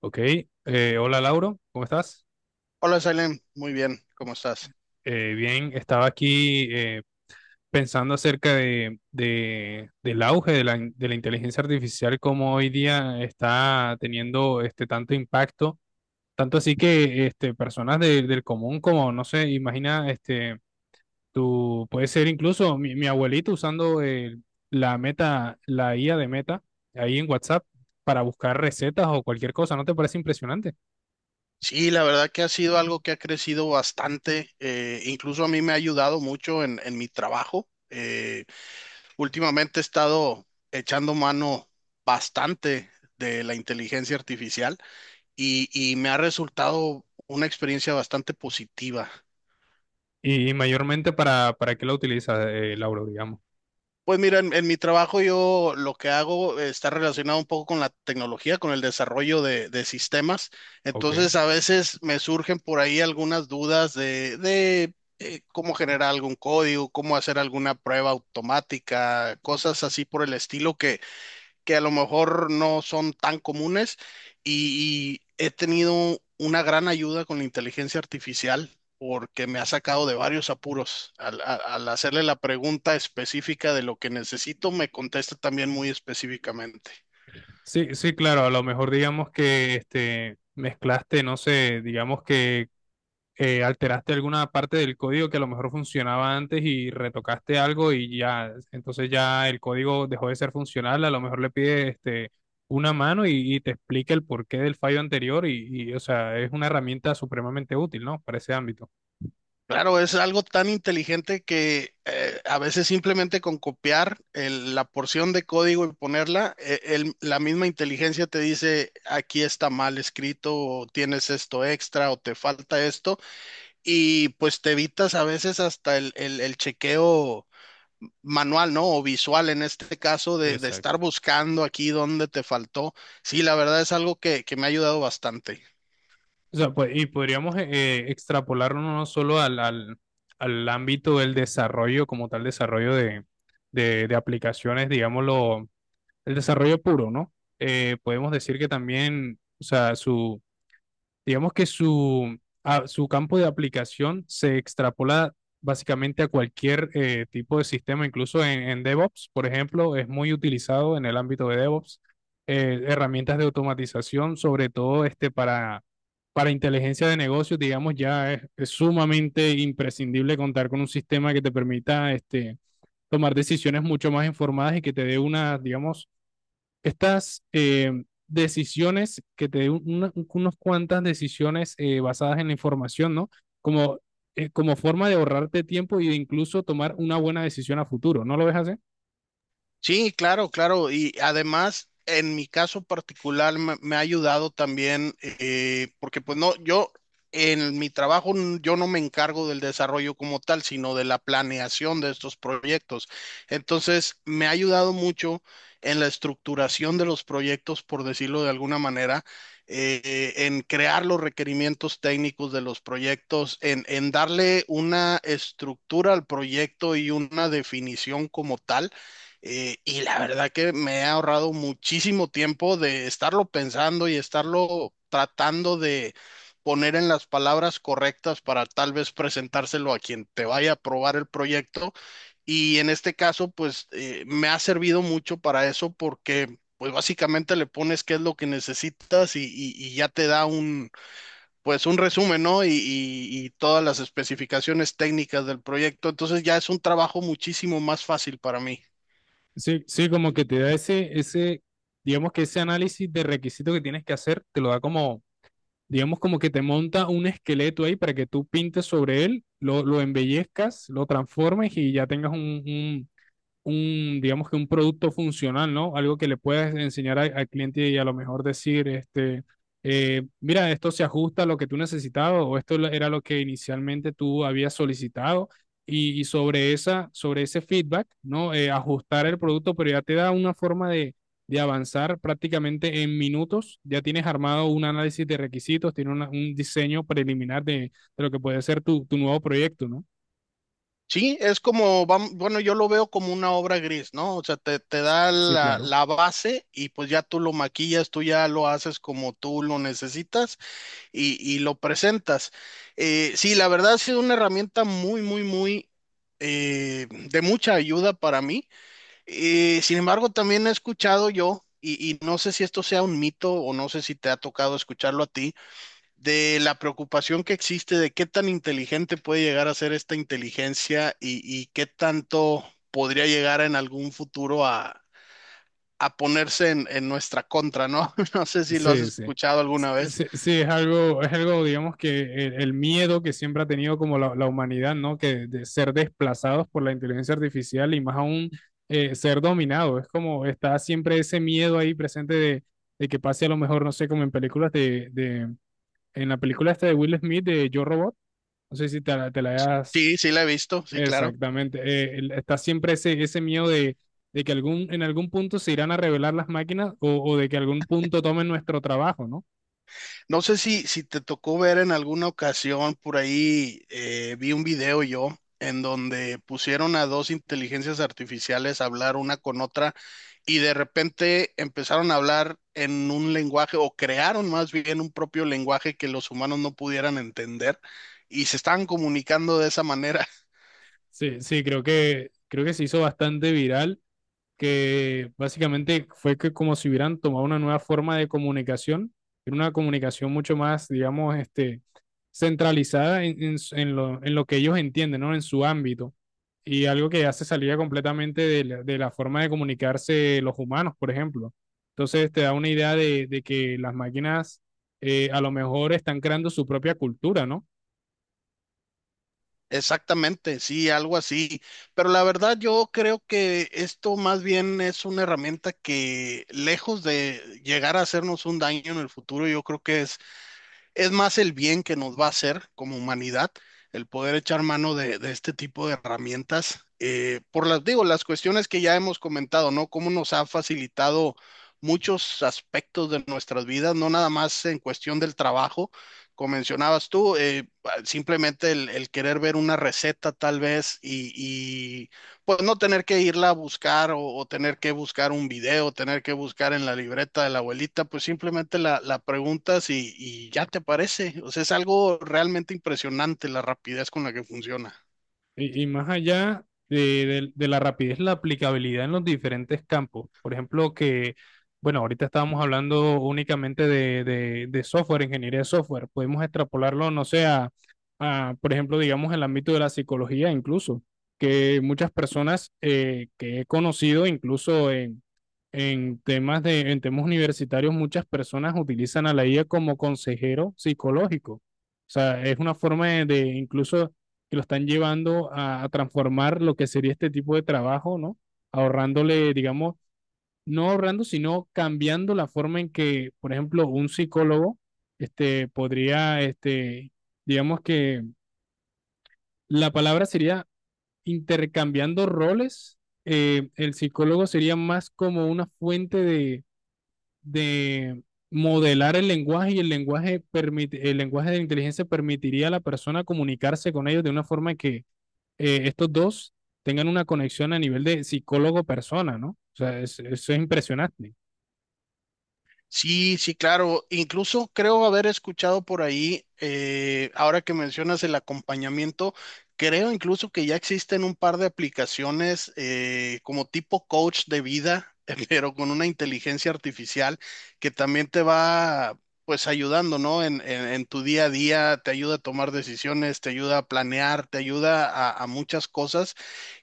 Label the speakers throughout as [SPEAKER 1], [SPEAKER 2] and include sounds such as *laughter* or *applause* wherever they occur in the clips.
[SPEAKER 1] Ok, hola Lauro, ¿cómo estás?
[SPEAKER 2] Hola, Salem. Muy bien, ¿cómo estás?
[SPEAKER 1] Bien, estaba aquí pensando acerca del auge de de la inteligencia artificial, como hoy día está teniendo este tanto impacto, tanto así que este, personas del común como, no sé, imagina, este, tú puedes ser incluso mi abuelito usando la Meta, la IA de Meta, ahí en WhatsApp, para buscar recetas o cualquier cosa, ¿no te parece impresionante?
[SPEAKER 2] Sí, la verdad que ha sido algo que ha crecido bastante. Incluso a mí me ha ayudado mucho en mi trabajo. Últimamente he estado echando mano bastante de la inteligencia artificial y, me ha resultado una experiencia bastante positiva.
[SPEAKER 1] Y mayormente para qué la utilizas, Lauro, digamos.
[SPEAKER 2] Pues mira, en mi trabajo yo lo que hago está relacionado un poco con la tecnología, con el desarrollo de sistemas.
[SPEAKER 1] Ok.
[SPEAKER 2] Entonces a veces me surgen por ahí algunas dudas de. ¿Cómo generar algún código, cómo hacer alguna prueba automática, cosas así por el estilo que, a lo mejor no son tan comunes? Y, he tenido una gran ayuda con la inteligencia artificial porque me ha sacado de varios apuros. Al hacerle la pregunta específica de lo que necesito, me contesta también muy específicamente.
[SPEAKER 1] Sí, sí, claro, a lo mejor digamos que este, mezclaste, no sé, digamos que alteraste alguna parte del código que a lo mejor funcionaba antes y retocaste algo y ya, entonces ya el código dejó de ser funcional, a lo mejor le pide este, una mano y te explica el porqué del fallo anterior o sea, es una herramienta supremamente útil, ¿no? Para ese ámbito.
[SPEAKER 2] Claro, es algo tan inteligente que a veces simplemente con copiar la porción de código y ponerla, la misma inteligencia te dice, aquí está mal escrito, o tienes esto extra, o te falta esto, y pues te evitas a veces hasta el chequeo manual, ¿no? O visual en este caso de estar
[SPEAKER 1] Exacto.
[SPEAKER 2] buscando aquí dónde te faltó. Sí, la verdad es algo que, me ha ayudado bastante.
[SPEAKER 1] O sea, pues, y podríamos extrapolarlo no solo al, al ámbito del desarrollo, como tal, desarrollo de aplicaciones, digámoslo, el desarrollo puro, ¿no? Podemos decir que también, o sea, digamos que su campo de aplicación se extrapola básicamente a cualquier tipo de sistema, incluso en DevOps, por ejemplo, es muy utilizado en el ámbito de DevOps, herramientas de automatización, sobre todo este para inteligencia de negocios, digamos, ya es sumamente imprescindible contar con un sistema que te permita este, tomar decisiones mucho más informadas y que te dé una, digamos, estas decisiones que te den unas cuantas decisiones basadas en la información, ¿no? Como, como forma de ahorrarte tiempo y de incluso tomar una buena decisión a futuro, ¿no lo ves así?
[SPEAKER 2] Sí, claro, claro. Y además, en mi caso particular, me ha ayudado también, porque pues no, yo en mi trabajo, yo no me encargo del desarrollo como tal, sino de la planeación de estos proyectos. Entonces, me ha ayudado mucho en la estructuración de los proyectos, por decirlo de alguna manera, en crear los requerimientos técnicos de los proyectos, en darle una estructura al proyecto y una definición como tal, y la verdad que me he ahorrado muchísimo tiempo de estarlo pensando y estarlo tratando de poner en las palabras correctas para tal vez presentárselo a quien te vaya a probar el proyecto. Y en este caso, pues me ha servido mucho para eso porque pues básicamente le pones qué es lo que necesitas y, y ya te da un, pues un resumen, ¿no? Y, y todas las especificaciones técnicas del proyecto. Entonces ya es un trabajo muchísimo más fácil para mí.
[SPEAKER 1] Sí, sí, como que te da ese, digamos que ese análisis de requisito que tienes que hacer, te lo da como, digamos como que te monta un esqueleto ahí para que tú pintes sobre él, lo embellezcas, lo transformes y ya tengas digamos que un producto funcional, ¿no? Algo que le puedes enseñar al cliente y a lo mejor decir, este, mira, esto se ajusta a lo que tú necesitabas o esto era lo que inicialmente tú habías solicitado y sobre esa, sobre ese feedback, ¿no? Ajustar el producto, pero ya te da una forma de avanzar prácticamente en minutos. Ya tienes armado un análisis de requisitos, tienes un diseño preliminar de lo que puede ser tu nuevo proyecto, ¿no?
[SPEAKER 2] Sí, es como, bueno, yo lo veo como una obra gris, ¿no? O sea, te, da
[SPEAKER 1] Sí, claro.
[SPEAKER 2] la base y pues ya tú lo maquillas, tú ya lo haces como tú lo necesitas y, lo presentas. Sí, la verdad ha sido una herramienta muy, muy, muy de mucha ayuda para mí. Sin embargo, también he escuchado yo, y, no sé si esto sea un mito o no sé si te ha tocado escucharlo a ti de la preocupación que existe de qué tan inteligente puede llegar a ser esta inteligencia y, qué tanto podría llegar en algún futuro a, ponerse en nuestra contra, ¿no? *laughs* No sé si lo has
[SPEAKER 1] Sí, sí.
[SPEAKER 2] escuchado alguna vez.
[SPEAKER 1] Sí, sí, es algo, digamos que el miedo que siempre ha tenido como la humanidad, ¿no? Que de ser desplazados por la inteligencia artificial y más aún ser dominado. Es como está siempre ese miedo ahí presente de que pase a lo mejor, no sé, como en películas de, en la película esta de Will Smith de Yo Robot, no sé si te, te la hayas
[SPEAKER 2] Sí, sí la he visto, sí, claro.
[SPEAKER 1] exactamente, está siempre ese, ese miedo de que algún, en algún punto se irán a revelar las máquinas o de que algún punto tomen nuestro trabajo, ¿no?
[SPEAKER 2] No sé si, te tocó ver en alguna ocasión por ahí, vi un video yo en donde pusieron a dos inteligencias artificiales a hablar una con otra y de repente empezaron a hablar en un lenguaje o crearon más bien un propio lenguaje que los humanos no pudieran entender y se estaban comunicando de esa manera.
[SPEAKER 1] Sí, sí, creo que se hizo bastante viral, que básicamente fue que como si hubieran tomado una nueva forma de comunicación, era una comunicación mucho más, digamos, este, centralizada en, en lo que ellos entienden, ¿no? En su ámbito. Y algo que ya se salía completamente de de la forma de comunicarse los humanos, por ejemplo. Entonces te da una idea de que las máquinas a lo mejor están creando su propia cultura, ¿no?
[SPEAKER 2] Exactamente, sí, algo así. Pero la verdad yo creo que esto más bien es una herramienta que lejos de llegar a hacernos un daño en el futuro, yo creo que es más el bien que nos va a hacer como humanidad el poder echar mano de este tipo de herramientas. Por las, digo, las cuestiones que ya hemos comentado, ¿no? Cómo nos ha facilitado muchos aspectos de nuestras vidas, no nada más en cuestión del trabajo, como mencionabas tú, simplemente el querer ver una receta tal vez y pues no tener que irla a buscar o, tener que buscar un video, tener que buscar en la libreta de la abuelita, pues simplemente la preguntas y, ya te aparece. O sea, es algo realmente impresionante la rapidez con la que funciona.
[SPEAKER 1] Y más allá de, de la rapidez, la aplicabilidad en los diferentes campos. Por ejemplo, que, bueno, ahorita estábamos hablando únicamente de, de software, ingeniería de software. Podemos extrapolarlo, no sé, a, por ejemplo, digamos, el ámbito de la psicología incluso, que muchas personas que he conocido, incluso en temas de, en temas universitarios, muchas personas utilizan a la IA como consejero psicológico. O sea, es una forma de incluso que lo están llevando a transformar lo que sería este tipo de trabajo, ¿no? Ahorrándole, digamos, no ahorrando, sino cambiando la forma en que, por ejemplo, un psicólogo este, podría, este, digamos que la palabra sería intercambiando roles, el psicólogo sería más como una fuente de modelar el lenguaje y el lenguaje, permite, el lenguaje de la inteligencia permitiría a la persona comunicarse con ellos de una forma que estos dos tengan una conexión a nivel de psicólogo-persona, ¿no? O sea, eso es impresionante.
[SPEAKER 2] Sí, sí, claro. Incluso creo haber escuchado por ahí, ahora que mencionas el acompañamiento, creo incluso que ya existen un par de aplicaciones como tipo coach de vida, *laughs* pero con una inteligencia artificial que también te va pues ayudando, ¿no? En, en tu día a día, te ayuda a tomar decisiones, te ayuda a planear, te ayuda a, muchas cosas.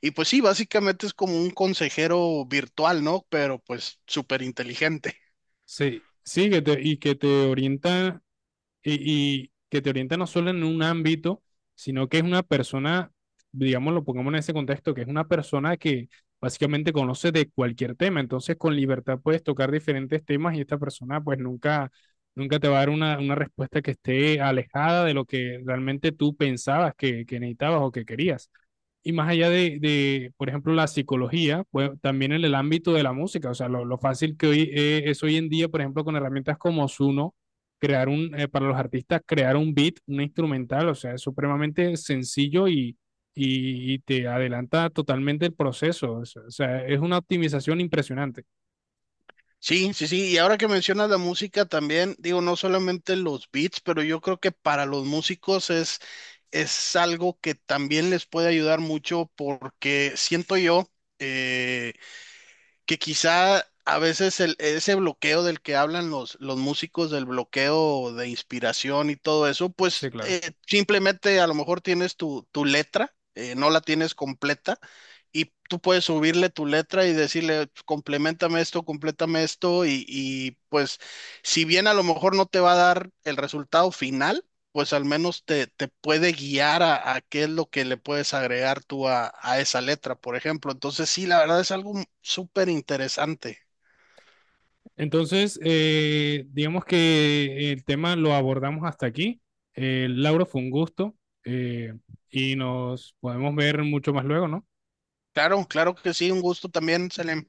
[SPEAKER 2] Y pues sí, básicamente es como un consejero virtual, ¿no? Pero pues súper inteligente.
[SPEAKER 1] Sí, sí, que te, y que te orienta y que te orienta no solo en un ámbito, sino que es una persona, digamos, lo pongamos en ese contexto, que es una persona que básicamente conoce de cualquier tema, entonces con libertad puedes tocar diferentes temas y esta persona pues nunca, nunca te va a dar una respuesta que esté alejada de lo que realmente tú pensabas que necesitabas o que querías. Y más allá de, por ejemplo, la psicología, pues también en el ámbito de la música, o sea, lo fácil que hoy es hoy en día, por ejemplo, con herramientas como Zuno, crear un, para los artistas, crear un beat, un instrumental, o sea, es supremamente sencillo y te adelanta totalmente el proceso, o sea, es una optimización impresionante.
[SPEAKER 2] Sí, sí, sí, y ahora que mencionas la música también, digo, no solamente los beats, pero yo creo que para los músicos es, algo que también les puede ayudar mucho porque siento yo eh, que quizá a veces ese bloqueo del que hablan los, músicos, del bloqueo de inspiración y todo eso,
[SPEAKER 1] Sí,
[SPEAKER 2] pues
[SPEAKER 1] claro.
[SPEAKER 2] simplemente a lo mejor tienes tu, letra, no la tienes completa, y tú puedes subirle tu letra y decirle, "Pues, complementame esto, complétame esto", y, pues si bien a lo mejor no te va a dar el resultado final, pues al menos te, puede guiar a, qué es lo que le puedes agregar tú a, esa letra, por ejemplo. Entonces, sí, la verdad es algo súper interesante.
[SPEAKER 1] Entonces, digamos que el tema lo abordamos hasta aquí. Lauro, fue un gusto eh, y nos podemos ver mucho más luego, ¿no?
[SPEAKER 2] Claro, claro que sí, un gusto también, Selem.